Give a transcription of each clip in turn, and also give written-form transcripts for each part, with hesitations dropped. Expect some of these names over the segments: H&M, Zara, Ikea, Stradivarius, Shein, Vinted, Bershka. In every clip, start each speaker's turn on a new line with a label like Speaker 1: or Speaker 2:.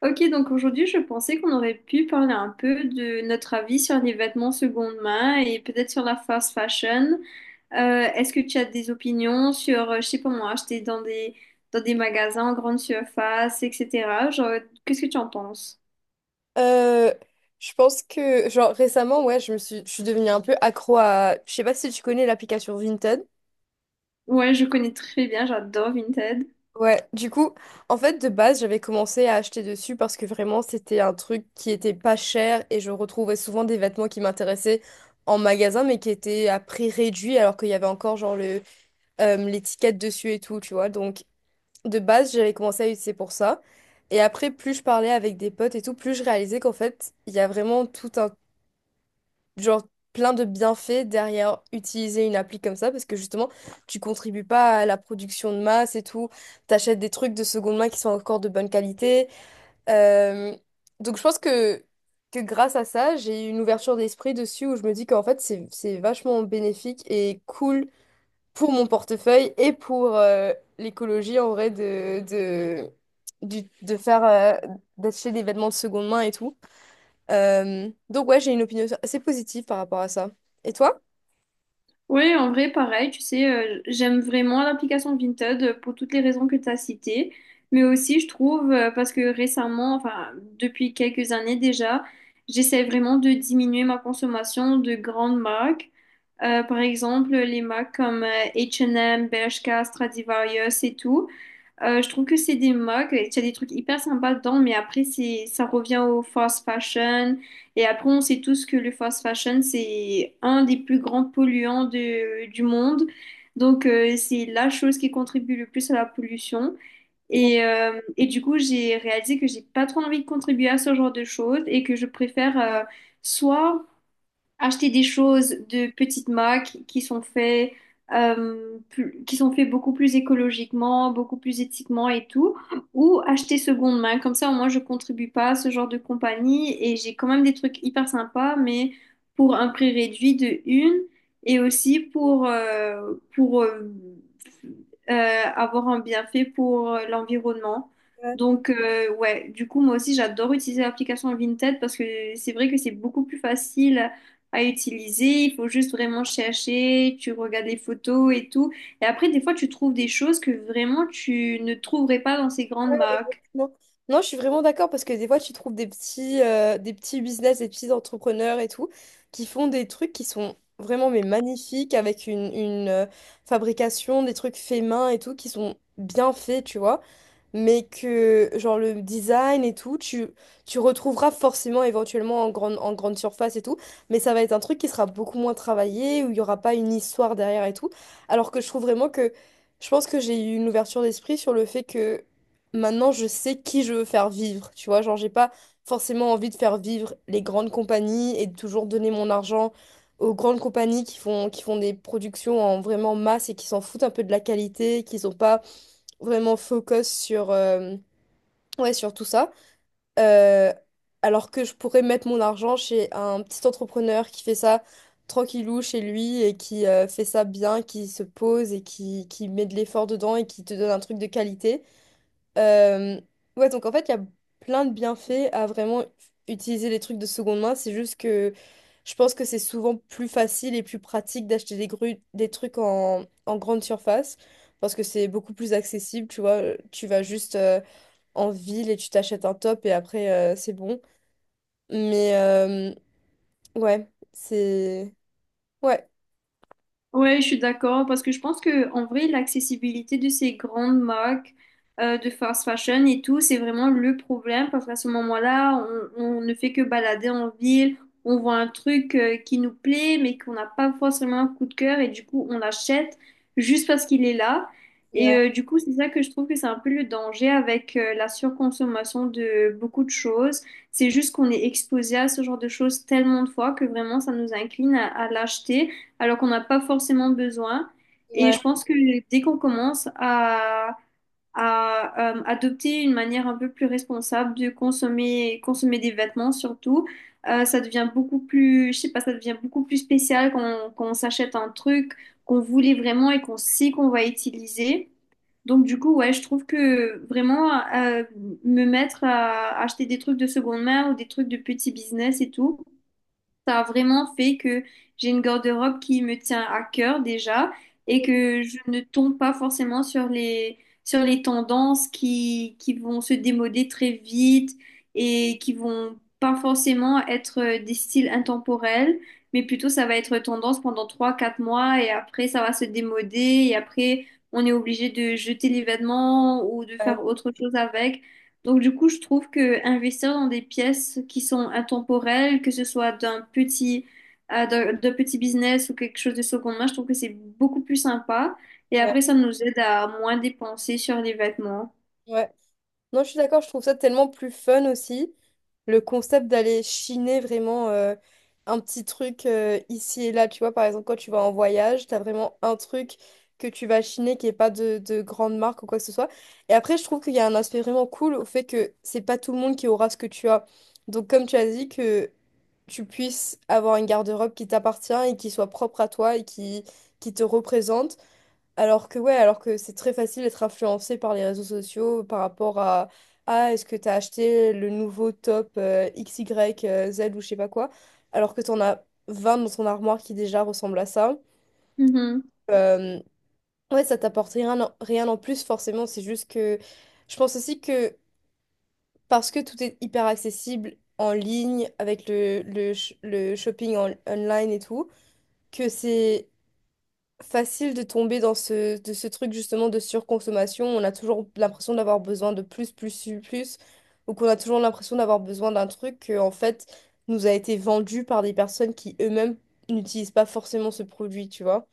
Speaker 1: Ok, donc aujourd'hui, je pensais qu'on aurait pu parler un peu de notre avis sur les vêtements seconde main et peut-être sur la fast fashion. Est-ce que tu as des opinions sur, je sais pas moi, acheter dans dans des magasins en grande surface, etc. Genre, qu'est-ce que tu en penses?
Speaker 2: Euh, je pense que, genre, récemment, ouais, je suis devenue un peu accro à. Je sais pas si tu connais l'application Vinted.
Speaker 1: Ouais, je connais très bien, j'adore Vinted.
Speaker 2: Ouais, du coup, en fait, de base, j'avais commencé à acheter dessus parce que vraiment, c'était un truc qui était pas cher et je retrouvais souvent des vêtements qui m'intéressaient en magasin, mais qui étaient à prix réduit alors qu'il y avait encore, genre, l'étiquette dessus et tout, tu vois. Donc, de base, j'avais commencé à utiliser pour ça. Et après, plus je parlais avec des potes et tout, plus je réalisais qu'en fait, il y a vraiment tout un genre plein de bienfaits derrière utiliser une appli comme ça parce que justement tu contribues pas à la production de masse et tout, t'achètes des trucs de seconde main qui sont encore de bonne qualité. Euh, donc je pense que grâce à ça, j'ai eu une ouverture d'esprit dessus où je me dis qu'en fait c'est vachement bénéfique et cool pour mon portefeuille et pour l'écologie en vrai de faire d'acheter des vêtements de seconde main et tout. Donc ouais, j'ai une opinion assez positive par rapport à ça. Et toi?
Speaker 1: Oui, en vrai, pareil, tu sais, j'aime vraiment l'application Vinted pour toutes les raisons que tu as citées, mais aussi je trouve, parce que récemment, enfin depuis quelques années déjà, j'essaie vraiment de diminuer ma consommation de grandes marques. Par exemple les marques comme H&M, Bershka, Stradivarius et tout, je trouve que c'est des modes. Il y a des trucs hyper sympas dedans, mais après, ça revient au fast fashion. Et après, on sait tous que le fast fashion, c'est un des plus grands polluants du monde. Donc, c'est la chose qui contribue le plus à la pollution.
Speaker 2: Complètement.
Speaker 1: Et du coup, j'ai réalisé que j'ai pas trop envie de contribuer à ce genre de choses et que je préfère, soit acheter des choses de petites marques qui sont faites, qui sont faits beaucoup plus écologiquement, beaucoup plus éthiquement et tout, ou acheter seconde main. Comme ça, au moins, je contribue pas à ce genre de compagnie et j'ai quand même des trucs hyper sympas, mais pour un prix réduit de une, et aussi pour, avoir un bienfait pour, l'environnement. Donc, ouais, du coup, moi aussi, j'adore utiliser l'application Vinted parce que c'est vrai que c'est beaucoup plus facile à utiliser. Il faut juste vraiment chercher, tu regardes les photos et tout. Et après, des fois, tu trouves des choses que vraiment tu ne trouverais pas dans ces grandes marques.
Speaker 2: Non, Non, je suis vraiment d'accord parce que des fois, tu trouves des des petits business, des petits entrepreneurs et tout, qui font des trucs qui sont vraiment mais magnifiques avec fabrication, des trucs faits main et tout, qui sont bien faits, tu vois. Mais que genre le design et tout, tu retrouveras forcément éventuellement en en grande surface et tout, mais ça va être un truc qui sera beaucoup moins travaillé, où il n'y aura pas une histoire derrière et tout. Alors que je trouve vraiment que Je pense que j'ai eu une ouverture d'esprit sur le fait que maintenant je sais qui je veux faire vivre, tu vois, genre j'ai pas forcément envie de faire vivre les grandes compagnies et de toujours donner mon argent aux grandes compagnies qui font des productions en vraiment masse et qui s'en foutent un peu de la qualité, qui sont pas vraiment focus ouais, sur tout ça. Euh, alors que je pourrais mettre mon argent chez un petit entrepreneur qui fait ça tranquillou chez lui et qui fait ça bien, qui se pose et qui met de l'effort dedans et qui te donne un truc de qualité. Euh, ouais, donc en fait, il y a plein de bienfaits à vraiment utiliser les trucs de seconde main. C'est juste que je pense que c'est souvent plus facile et plus pratique d'acheter des des trucs en grande surface parce que c'est beaucoup plus accessible, tu vois. Tu vas juste en ville et tu t'achètes un top et après, c'est bon. Mais euh, ouais, c'est... Ouais.
Speaker 1: Ouais, je suis d'accord parce que je pense que en vrai, l'accessibilité de ces grandes marques, de fast fashion et tout, c'est vraiment le problème parce qu'à ce moment-là, on ne fait que balader en ville, on voit un truc, qui nous plaît mais qu'on n'a pas forcément un coup de cœur et du coup, on l'achète juste parce qu'il est là. Et
Speaker 2: Ouais,
Speaker 1: du coup, c'est ça que je trouve que c'est un peu le danger avec, la surconsommation de beaucoup de choses. C'est juste qu'on est exposé à ce genre de choses tellement de fois que vraiment, ça nous incline à l'acheter alors qu'on n'a pas forcément besoin. Et
Speaker 2: ouais,
Speaker 1: je pense que dès qu'on commence à adopter une manière un peu plus responsable de consommer, consommer des vêtements surtout, ça devient beaucoup plus, je sais pas, ça devient beaucoup plus spécial quand quand on s'achète un truc qu'on voulait vraiment et qu'on sait qu'on va utiliser. Donc du coup, ouais, je trouve que vraiment, me mettre à acheter des trucs de seconde main ou des trucs de petit business et tout. Ça a vraiment fait que j'ai une garde-robe qui me tient à cœur déjà et que je ne tombe pas forcément sur sur les tendances qui vont se démoder très vite et qui vont pas forcément être, des styles intemporels, mais plutôt ça va être tendance pendant trois quatre mois et après ça va se démoder et après on est obligé de jeter les vêtements ou de
Speaker 2: ouais,
Speaker 1: faire autre chose avec. Donc du coup, je trouve que investir dans des pièces qui sont intemporelles, que ce soit d'un petit, d'un petit business ou quelque chose de seconde main, je trouve que c'est beaucoup plus sympa. Et
Speaker 2: ouais,
Speaker 1: après, ça nous aide à moins dépenser sur les vêtements.
Speaker 2: ouais. Non, je suis d'accord, je trouve ça tellement plus fun aussi. Le concept d'aller chiner vraiment un petit truc ici et là, tu vois, par exemple, quand tu vas en voyage, t'as vraiment un truc que tu vas chiner qui n'est pas de grande marque ou quoi que ce soit. Et après, je trouve qu'il y a un aspect vraiment cool au fait que c'est pas tout le monde qui aura ce que tu as. Donc, comme tu as dit, que tu puisses avoir une garde-robe qui t'appartient et qui soit propre à toi et qui te représente. Alors que c'est très facile d'être influencé par les réseaux sociaux par rapport à ah est-ce que t'as acheté le nouveau top XY Z ou je sais pas quoi, alors que t'en as 20 dans ton armoire qui déjà ressemblent à ça.
Speaker 1: Mhm.
Speaker 2: Euh, ouais, ça t'apporte rien, rien en plus forcément, c'est juste que je pense aussi que parce que tout est hyper accessible en ligne avec le shopping online et tout, que c'est facile de tomber dans de ce truc justement de surconsommation. On a toujours l'impression d'avoir besoin de plus, plus, plus, plus, ou qu'on a toujours l'impression d'avoir besoin d'un truc que, en fait, nous a été vendu par des personnes qui eux-mêmes n'utilisent pas forcément ce produit, tu vois.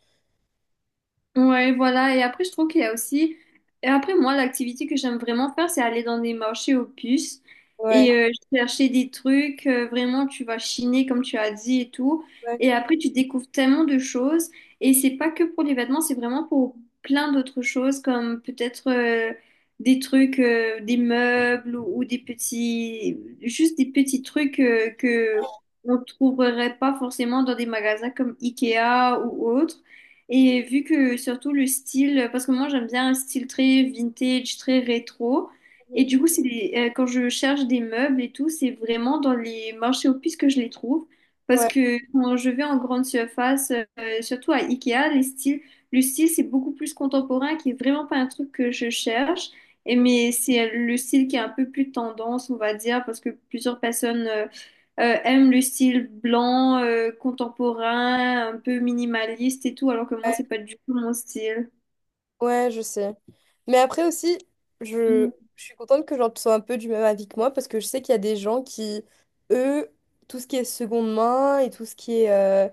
Speaker 1: Ouais, voilà. Et après, je trouve qu'il y a aussi. Et après, moi, l'activité que j'aime vraiment faire, c'est aller dans des marchés aux puces
Speaker 2: Ouais,
Speaker 1: et, chercher des trucs. Vraiment, tu vas chiner, comme tu as dit et tout.
Speaker 2: ouais,
Speaker 1: Et après, tu découvres tellement de choses. Et c'est pas que pour les vêtements, c'est vraiment pour plein d'autres choses, comme peut-être, des trucs, des meubles ou des petits. Juste des petits trucs, que on trouverait pas forcément dans des magasins comme Ikea ou autre. Et vu que surtout le style, parce que moi j'aime bien un style très vintage, très rétro. Et
Speaker 2: mhm,
Speaker 1: du coup, quand je cherche des meubles et tout, c'est vraiment dans les marchés aux puces que je les trouve. Parce
Speaker 2: ouais,
Speaker 1: que quand je vais en grande surface, surtout à Ikea, le style c'est beaucoup plus contemporain, qui est vraiment pas un truc que je cherche. Et
Speaker 2: mhm,
Speaker 1: mais c'est le style qui est un peu plus tendance, on va dire, parce que plusieurs personnes aiment le style blanc, contemporain, un peu minimaliste et tout, alors que moi, c'est pas du tout mon style.
Speaker 2: ouais, je sais. Mais après aussi, je,
Speaker 1: Mhm.
Speaker 2: je suis contente que genre tu sois un peu du même avis que moi parce que je sais qu'il y a des gens qui, eux, tout ce qui est seconde main et tout ce qui est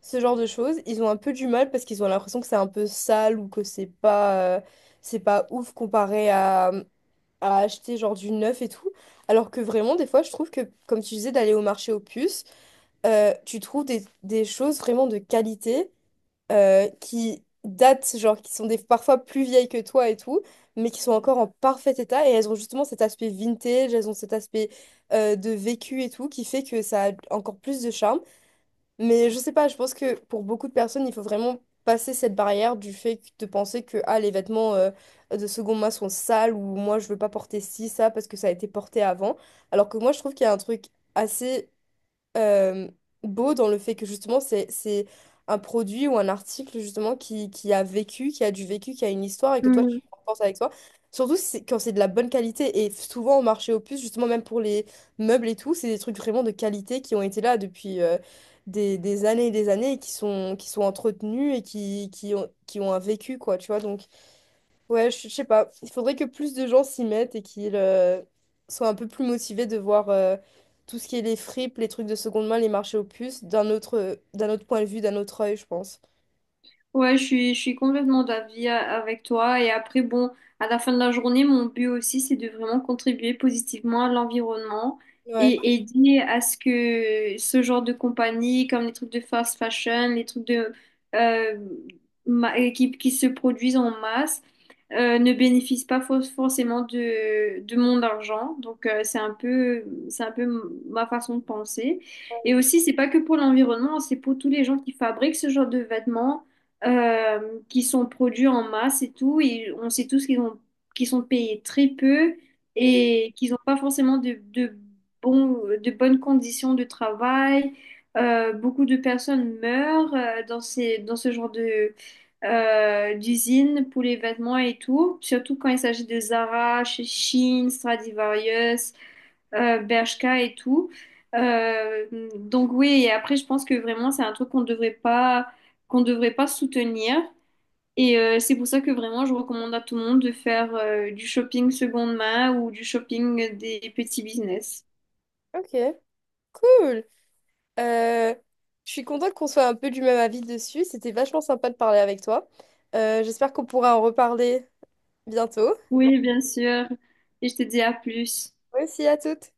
Speaker 2: ce genre de choses, ils ont un peu du mal parce qu'ils ont l'impression que c'est un peu sale ou que c'est pas ouf comparé à acheter genre du neuf et tout. Alors que vraiment, des fois, je trouve que comme tu disais, d'aller au marché aux puces, tu trouves des choses vraiment de qualité qui datent, genre qui sont des, parfois plus vieilles que toi et tout, mais qui sont encore en parfait état et elles ont justement cet aspect vintage, elles ont cet aspect de vécu et tout qui fait que ça a encore plus de charme. Mais je sais pas, je pense que pour beaucoup de personnes, il faut vraiment passer cette barrière de penser que ah, les vêtements de second main sont sales ou moi je veux pas porter ci, ça parce que ça a été porté avant. Alors que moi je trouve qu'il y a un truc assez euh, beau dans le fait que justement c'est un produit ou un article justement qui a vécu, qui a du vécu, qui a une histoire et que toi
Speaker 1: Mhm.
Speaker 2: tu penses avec toi. Surtout si c'est- quand c'est de la bonne qualité et souvent au marché aux puces, justement même pour les meubles et tout, c'est des trucs vraiment de qualité qui ont été là depuis des années et qui qui sont entretenus et qui ont un vécu quoi, tu vois. Donc ouais, je sais pas. Il faudrait que plus de gens s'y mettent et qu'ils soient un peu plus motivés de voir tout ce qui est les fripes, les trucs de seconde main, les marchés aux puces, d'un autre point de vue, d'un autre œil, je pense.
Speaker 1: Ouais, je suis complètement d'avis avec toi. Et après, bon, à la fin de la journée, mon but aussi, c'est de vraiment contribuer positivement à l'environnement
Speaker 2: Ouais.
Speaker 1: et aider à ce que ce genre de compagnie, comme les trucs de fast fashion, les trucs de, euh, qui se produisent en masse, ne bénéficient pas forcément de mon argent. Donc, c'est un peu ma façon de penser. Et aussi, c'est pas que pour l'environnement, c'est pour tous les gens qui fabriquent ce genre de vêtements, euh, qui sont produits en masse et tout. Et on sait tous qu'ils sont payés très peu et qu'ils n'ont pas forcément de bonnes conditions de travail. Beaucoup de personnes meurent, dans dans ce genre de, d'usines pour les vêtements et tout, surtout quand il s'agit de Zara, Shein, Stradivarius, Bershka et tout. Euh, donc oui, et après je pense que vraiment c'est un truc qu'on devrait pas soutenir. Et c'est pour ça que vraiment je recommande à tout le monde de faire, du shopping seconde main ou du shopping des petits business.
Speaker 2: Ok, cool. Euh, je suis contente qu'on soit un peu du même avis dessus. C'était vachement sympa de parler avec toi. J'espère qu'on pourra en reparler bientôt.
Speaker 1: Oui, bien sûr. Et je te dis à plus.
Speaker 2: Merci à toutes.